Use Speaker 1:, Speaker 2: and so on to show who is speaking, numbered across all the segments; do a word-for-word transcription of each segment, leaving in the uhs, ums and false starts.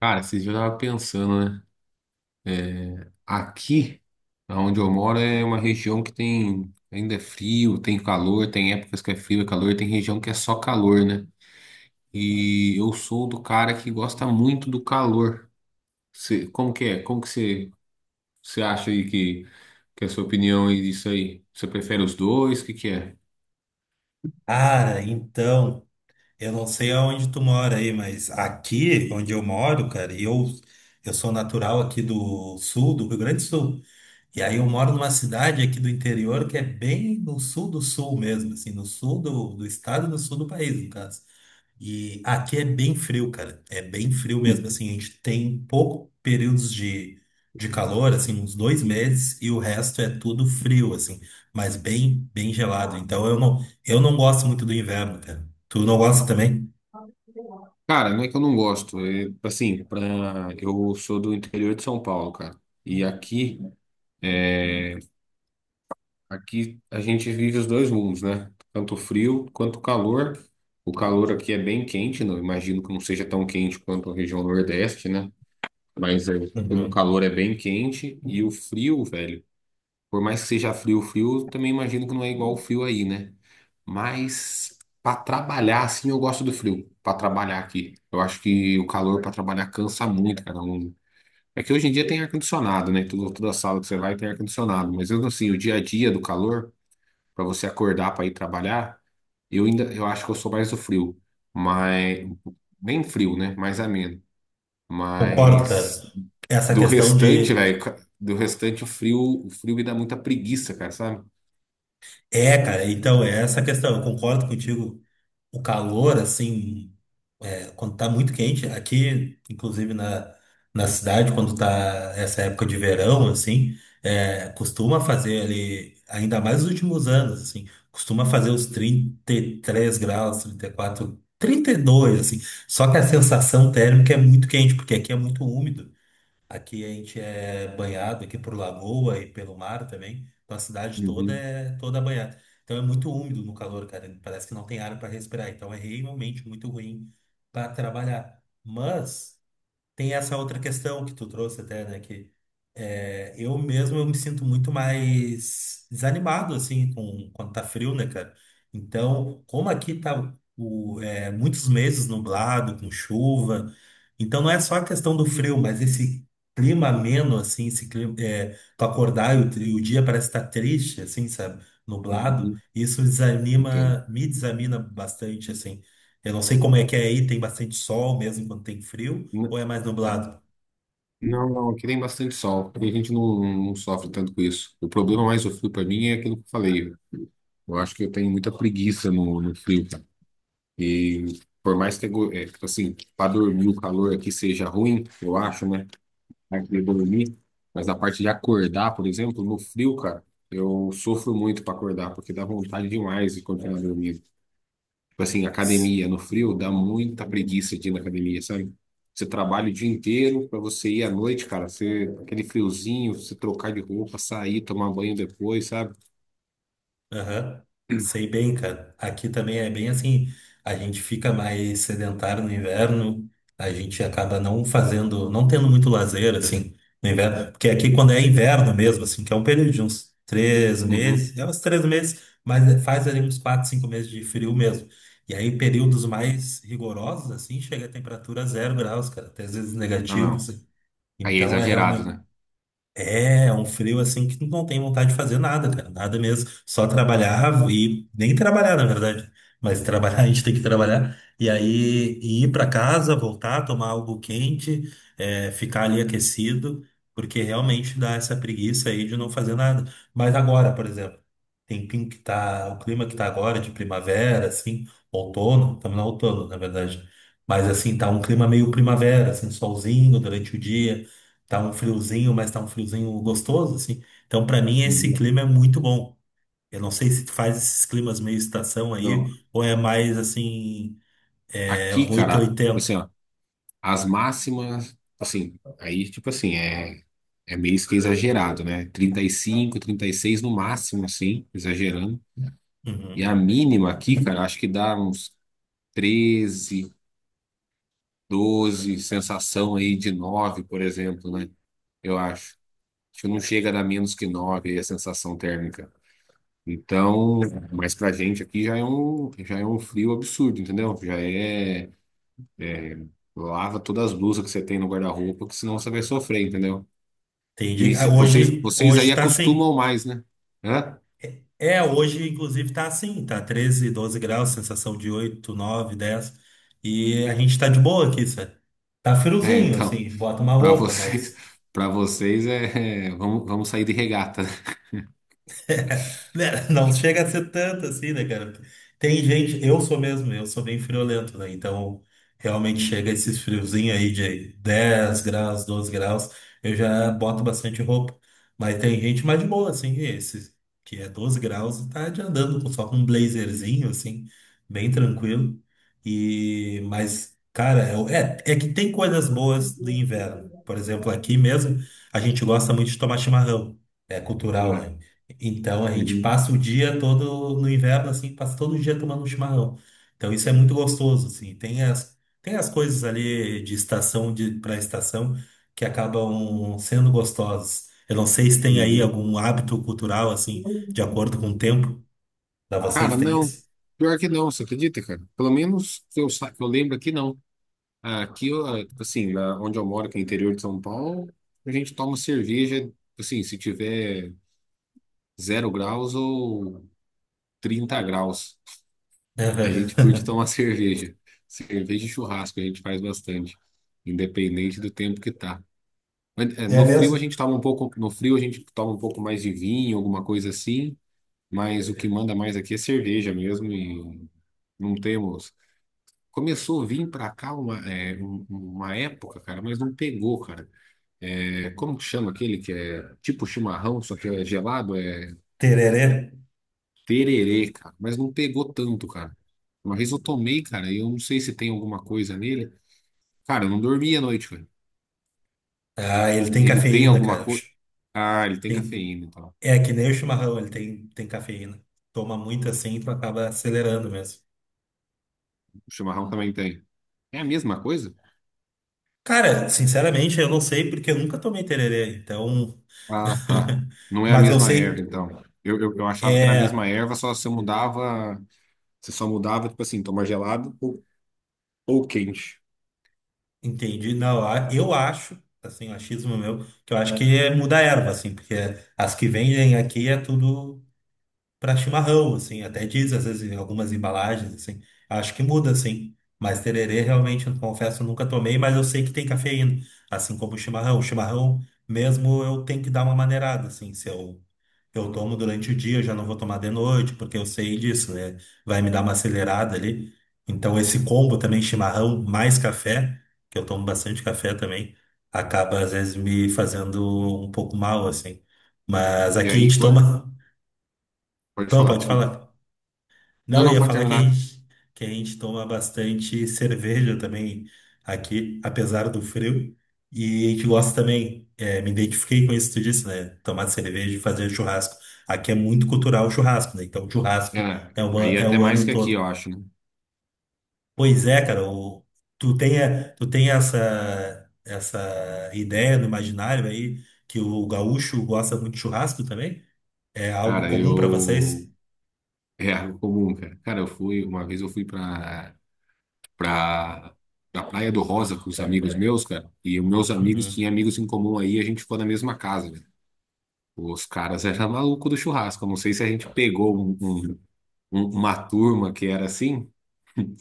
Speaker 1: Cara, esses dias eu tava pensando, né? Aqui, onde eu moro, é uma região que tem ainda é frio, tem calor, tem épocas que é frio, é calor, tem região que é só calor, né? E eu sou do cara que gosta muito do calor. Cê- como que é? Como que você você acha aí que, que é a sua opinião aí disso aí? Você prefere os dois? O que que é?
Speaker 2: Cara, então, eu não sei aonde tu mora aí, mas aqui onde eu moro, cara, e eu, eu sou natural aqui do sul, do Rio Grande do Sul. E aí eu moro numa cidade aqui do interior que é bem no sul do sul mesmo, assim, no sul do, do estado e no sul do país, no caso. E aqui é bem frio, cara. É bem frio mesmo,
Speaker 1: Hum.
Speaker 2: assim. A gente tem pouco períodos de, de calor, assim, uns dois meses, e o resto é tudo frio, assim, mas bem, bem gelado. Então eu não, eu não gosto muito do inverno, cara. Tu não gosta também?
Speaker 1: Cara, não é que eu não gosto. É, assim, pra, eu sou do interior de São Paulo, cara. E aqui. é, Aqui a gente vive os dois mundos, né? Tanto o frio quanto o calor. O calor aqui é bem quente, não imagino que não seja tão quente quanto a região Nordeste, né? Mas é, o
Speaker 2: Uhum.
Speaker 1: calor é bem quente e o frio, velho, por mais que seja frio, frio, também imagino que não é igual o frio aí, né? Mas para trabalhar, assim, eu gosto do frio, para trabalhar aqui. Eu acho que o calor para trabalhar cansa muito, cara. Não- É que hoje em dia tem ar-condicionado, né? Toda, toda sala que você vai tem ar-condicionado, mas mesmo assim, o dia a dia do calor para você acordar para ir trabalhar, eu ainda eu acho que eu sou mais do frio, mas nem frio, né? Mais ameno.
Speaker 2: Concordo, cara.
Speaker 1: Mas
Speaker 2: Essa
Speaker 1: do
Speaker 2: questão
Speaker 1: restante,
Speaker 2: de.
Speaker 1: velho, ca- do restante o frio, o frio me dá muita preguiça, cara, sabe?
Speaker 2: É, cara, então é essa questão. Eu concordo contigo. O calor, assim. É, quando tá muito quente, aqui, inclusive na, na cidade, quando tá essa época de verão, assim, é, costuma fazer ali, ainda mais nos últimos anos, assim, costuma fazer os trinta e três graus, trinta e quatro, dois assim. Só que a sensação térmica é muito quente, porque aqui é muito úmido. Aqui a gente é banhado aqui por lagoa e pelo mar também. Então a cidade toda
Speaker 1: Uhum,
Speaker 2: é toda banhada. Então é muito úmido no calor, cara. Parece que não tem ar para respirar. Então é realmente muito ruim para trabalhar. Mas tem essa outra questão que tu trouxe até, né? Que é, eu mesmo eu me sinto muito mais desanimado, assim, com, quando tá frio, né, cara? Então, como aqui tá o, é, muitos meses nublado, com chuva, então não é só a questão do frio, mas esse clima ameno, assim, esse clima, é, tu acordar e o, tri- o dia parece estar triste, assim, sabe? Nublado,
Speaker 1: uhum.
Speaker 2: isso
Speaker 1: Entendo.
Speaker 2: desanima, me desanima bastante, assim. Eu não sei como é que é aí, tem bastante sol mesmo quando tem frio, ou
Speaker 1: N-
Speaker 2: é mais nublado?
Speaker 1: Não, não, aqui tem bastante sol. E a gente não, não sofre tanto com isso. O problema mais do frio para mim é aquilo que eu falei. Eu acho que eu tenho muita preguiça no, no frio, cara. E por mais que, eu go- é, tipo assim, para dormir o calor aqui seja ruim, eu acho, né? Parte de dormir, mas a parte de acordar, por exemplo, no frio, cara, eu sofro muito para acordar, porque dá vontade demais de continuar dormindo. Tipo assim,
Speaker 2: Ts-
Speaker 1: academia no frio dá muita preguiça de ir na academia, sabe? Você trabalha o dia inteiro para você ir à noite, cara, você, aquele friozinho, você trocar de roupa, sair, tomar banho depois, sabe?
Speaker 2: Aham. Sei bem, cara. Aqui também é bem assim. A gente fica mais sedentário no inverno, a gente acaba não fazendo, não tendo muito lazer, assim, no inverno. Porque aqui, quando é inverno mesmo, assim, que é um período de uns três
Speaker 1: Uhum.
Speaker 2: meses, é uns três meses, mas é, faz ali uns quatro, cinco meses de frio mesmo. E aí, períodos mais rigorosos, assim, chega a temperatura zero graus, cara, até às vezes
Speaker 1: Não,
Speaker 2: negativos,
Speaker 1: não.
Speaker 2: assim.
Speaker 1: Aí é
Speaker 2: Então, é
Speaker 1: exagerado,
Speaker 2: realmente.
Speaker 1: né?
Speaker 2: É um frio assim que tu não tem vontade de fazer nada, cara, nada mesmo. Só trabalhar e nem trabalhar, na verdade. Mas trabalhar, a gente tem que trabalhar. E aí e ir para casa, voltar, tomar algo quente, é, ficar ali aquecido, porque realmente dá essa preguiça aí de não fazer nada. Mas agora, por exemplo, tempinho que tá, o clima que tá agora, de primavera, assim, outono, estamos no outono, na verdade. Mas assim, tá um clima meio primavera, assim, solzinho durante o dia. Tá um friozinho, mas tá um friozinho gostoso, assim. Então, pra mim, esse
Speaker 1: Uhum.
Speaker 2: clima é muito bom. Eu não sei se tu faz esses climas meio estação
Speaker 1: Não.
Speaker 2: aí, ou é mais assim, é
Speaker 1: Aqui,
Speaker 2: oitocentos e
Speaker 1: cara, assim,
Speaker 2: oitenta
Speaker 1: ó, as máximas, assim, aí, tipo assim, é, é meio que exagerado, né? Trinta, trinta e cinco, trinta e seis no máximo, assim, exagerando. E
Speaker 2: Uhum.
Speaker 1: a mínima aqui, cara, acho que dá uns treze, doze, sensação aí de nove, por exemplo, né? Eu acho. Acho que não chega a dar menos que nove aí a sensação térmica. Então, mas pra gente aqui já é um, já é um frio absurdo, entendeu? Já é. Lava todas as blusas que você tem no guarda-roupa, que senão você vai sofrer, entendeu?
Speaker 2: Entendi.
Speaker 1: E
Speaker 2: Ah,
Speaker 1: se- É. vocês,
Speaker 2: Hoje,
Speaker 1: vocês aí
Speaker 2: hoje tá
Speaker 1: acostumam
Speaker 2: assim.
Speaker 1: mais, né? Hã?
Speaker 2: É, hoje, inclusive, tá assim, tá treze doze graus, sensação de oito nove dez. E a gente tá de boa aqui, sabe? Tá
Speaker 1: É,
Speaker 2: friozinho,
Speaker 1: então,
Speaker 2: assim, bota uma
Speaker 1: para
Speaker 2: roupa,
Speaker 1: vocês,
Speaker 2: mas.
Speaker 1: para vocês é, é, vamos, vamos sair de regata,
Speaker 2: Né, não chega a ser tanto assim, né, cara? Tem gente, eu sou mesmo, eu sou bem friolento, né? Então, realmente chega esses friozinhos aí de dez graus, doze graus, eu já boto bastante roupa. Mas tem gente mais de boa, assim, esse, que é doze graus e tá de andando com- só com um blazerzinho, assim, bem tranquilo. E, mas, cara, é, é é que tem coisas boas do inverno. Por exemplo, aqui mesmo, a gente gosta muito de tomar chimarrão. É cultural,
Speaker 1: né?
Speaker 2: né? Então a
Speaker 1: É,
Speaker 2: gente
Speaker 1: uhum,
Speaker 2: passa o dia todo no inverno, assim, passa todo dia tomando um chimarrão. Então isso é muito gostoso, assim. Tem as, tem as coisas ali de estação de, para estação que acabam sendo gostosas. Eu não sei se tem aí
Speaker 1: uhum.
Speaker 2: algum hábito cultural, assim, de acordo com o tempo. Da vocês
Speaker 1: Cara,
Speaker 2: tem
Speaker 1: não.
Speaker 2: isso?
Speaker 1: Pior que não, você acredita, cara? Pelo menos que eu, sa- que eu lembro aqui, não. Aqui, eu, assim, na- onde eu moro, que é interior de São Paulo, a gente toma cerveja, assim, se tiver zero graus ou trinta graus. A gente
Speaker 2: Aham.
Speaker 1: curte tomar cerveja. Cerveja e churrasco a gente faz bastante, independente do tempo que tá. Mas, é,
Speaker 2: É
Speaker 1: no frio a
Speaker 2: mesmo?
Speaker 1: gente toma um pouco, no frio a gente toma um pouco mais de vinho, alguma coisa assim, mas o que manda mais aqui é cerveja mesmo e não temos. Começou a vir pra cá uma, é, um- uma época, cara, mas não pegou, cara. É, como que chama aquele que é tipo chimarrão, só que é gelado? É
Speaker 2: Tererê.
Speaker 1: tererê, cara, mas não pegou tanto, cara. Uma vez eu tomei, cara, e eu não sei se tem alguma coisa nele. Cara, eu não dormi à noite, velho.
Speaker 2: Ah, ele tem
Speaker 1: Ele tem
Speaker 2: cafeína,
Speaker 1: alguma
Speaker 2: cara.
Speaker 1: coisa. Ah, ele tem
Speaker 2: Tem,
Speaker 1: cafeína, então.
Speaker 2: é que nem o chimarrão, ele tem, tem cafeína. Toma muito assim, tu acaba acelerando mesmo.
Speaker 1: O chimarrão também tem. É a mesma coisa?
Speaker 2: Cara, sinceramente, eu não sei porque eu nunca tomei tererê, então.
Speaker 1: Ah, tá. Não é a
Speaker 2: Mas eu
Speaker 1: mesma erva,
Speaker 2: sei,
Speaker 1: então. Eu, eu, eu achava que era a mesma
Speaker 2: é.
Speaker 1: erva, só você mudava. Você só mudava, tipo assim, tomar gelado ou, ou quente.
Speaker 2: Entendi, não. a- Eu acho, assim, o achismo meu, que eu acho que é muda a erva, assim, porque as que vendem aqui é tudo pra chimarrão, assim, até diz, às vezes, em algumas embalagens, assim. Acho que muda, assim. Mas tererê, realmente, eu confesso, eu nunca tomei, mas eu sei que tem cafeína, assim como o chimarrão. O chimarrão, mesmo, eu tenho que dar uma maneirada, assim, se eu. Eu tomo durante o dia, eu já não vou tomar de noite, porque eu sei disso, né? Vai me dar uma acelerada ali. Então, esse combo também, chimarrão mais café, que eu tomo bastante café também, acaba às vezes me fazendo um pouco mal, assim. Mas
Speaker 1: E
Speaker 2: aqui a
Speaker 1: aí,
Speaker 2: gente
Speaker 1: pô,
Speaker 2: toma.
Speaker 1: pode
Speaker 2: Não,
Speaker 1: falar,
Speaker 2: pode
Speaker 1: desculpa.
Speaker 2: falar.
Speaker 1: Não,
Speaker 2: Não, eu
Speaker 1: não,
Speaker 2: ia
Speaker 1: pode
Speaker 2: falar que a
Speaker 1: terminar.
Speaker 2: gente, que a gente toma bastante cerveja também aqui, apesar do frio. E a gente gosta também, é, me identifiquei com isso que tu disse, né? Tomar cerveja e fazer churrasco. Aqui é muito cultural o churrasco, né? Então, o churrasco
Speaker 1: É,
Speaker 2: é, uma,
Speaker 1: aí é
Speaker 2: é
Speaker 1: até
Speaker 2: o
Speaker 1: mais
Speaker 2: ano
Speaker 1: que aqui, eu
Speaker 2: todo.
Speaker 1: acho, né?
Speaker 2: Pois é, cara, o, tu tem, a- tu tem essa, essa, ideia no imaginário aí que o gaúcho gosta muito de churrasco também? É algo
Speaker 1: Cara,
Speaker 2: comum para
Speaker 1: eu.
Speaker 2: vocês?
Speaker 1: É algo comum, cara. Cara, eu fui. Uma vez eu fui pra. pra, pra Praia do Rosa com os amigos meus, cara. E os meus amigos
Speaker 2: Uhum.
Speaker 1: tinham amigos em comum aí, a gente ficou na mesma casa, velho. Os caras eram maluco do churrasco. Eu não sei se a gente pegou um- um- um- uma turma que era assim,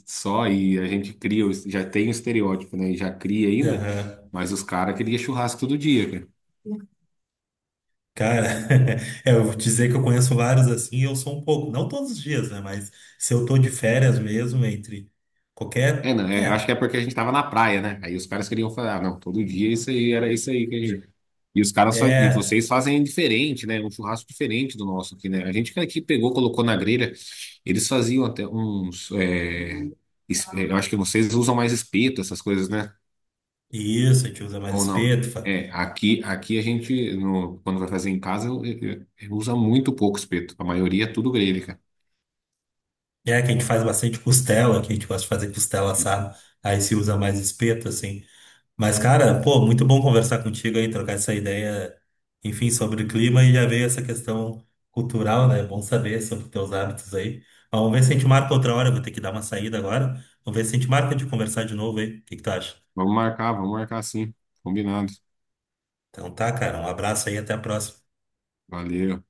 Speaker 1: só e a gente cria, o- já tem o estereótipo, né? E já cria ainda,
Speaker 2: Aham.
Speaker 1: mas os caras queriam churrasco todo dia.
Speaker 2: Cara, é, eu vou dizer que eu conheço vários assim, eu sou um pouco, não todos os dias, né? Mas se eu tô de férias mesmo, entre
Speaker 1: É,
Speaker 2: qualquer.
Speaker 1: não, é, eu acho
Speaker 2: É,
Speaker 1: que é porque a gente tava na praia, né? Aí os caras queriam falar, ah, não, todo dia isso aí era isso aí que a gente. E os caras fa- e
Speaker 2: é,
Speaker 1: vocês fazem diferente, né? Um churrasco diferente do nosso aqui, né? A gente que aqui pegou, colocou na grelha, eles faziam até uns. é, es- é, eu acho que vocês usam mais espeto, essas coisas, né?
Speaker 2: isso, a gente usa mais
Speaker 1: Ou não?
Speaker 2: espeto. fa-
Speaker 1: É, aqui, aqui a gente, no- quando vai fazer em casa, eu- eu- eu- eu usa muito pouco espeto. A maioria é tudo grelha, cara.
Speaker 2: É, que a gente faz bastante costela, que a gente gosta de fazer costela assada, aí se usa mais espeto, assim. Mas, cara, pô, muito bom conversar contigo aí, trocar essa ideia, enfim, sobre o clima e já veio essa questão cultural, né? É bom saber sobre teus hábitos aí. Mas vamos ver se a gente marca outra hora, eu vou ter que dar uma saída agora. Vamos ver se a gente marca de conversar de novo aí. O que que tu acha?
Speaker 1: Vamos marcar, vamos marcar sim. Combinado.
Speaker 2: Então tá, cara, um abraço aí, até a próxima.
Speaker 1: Valeu.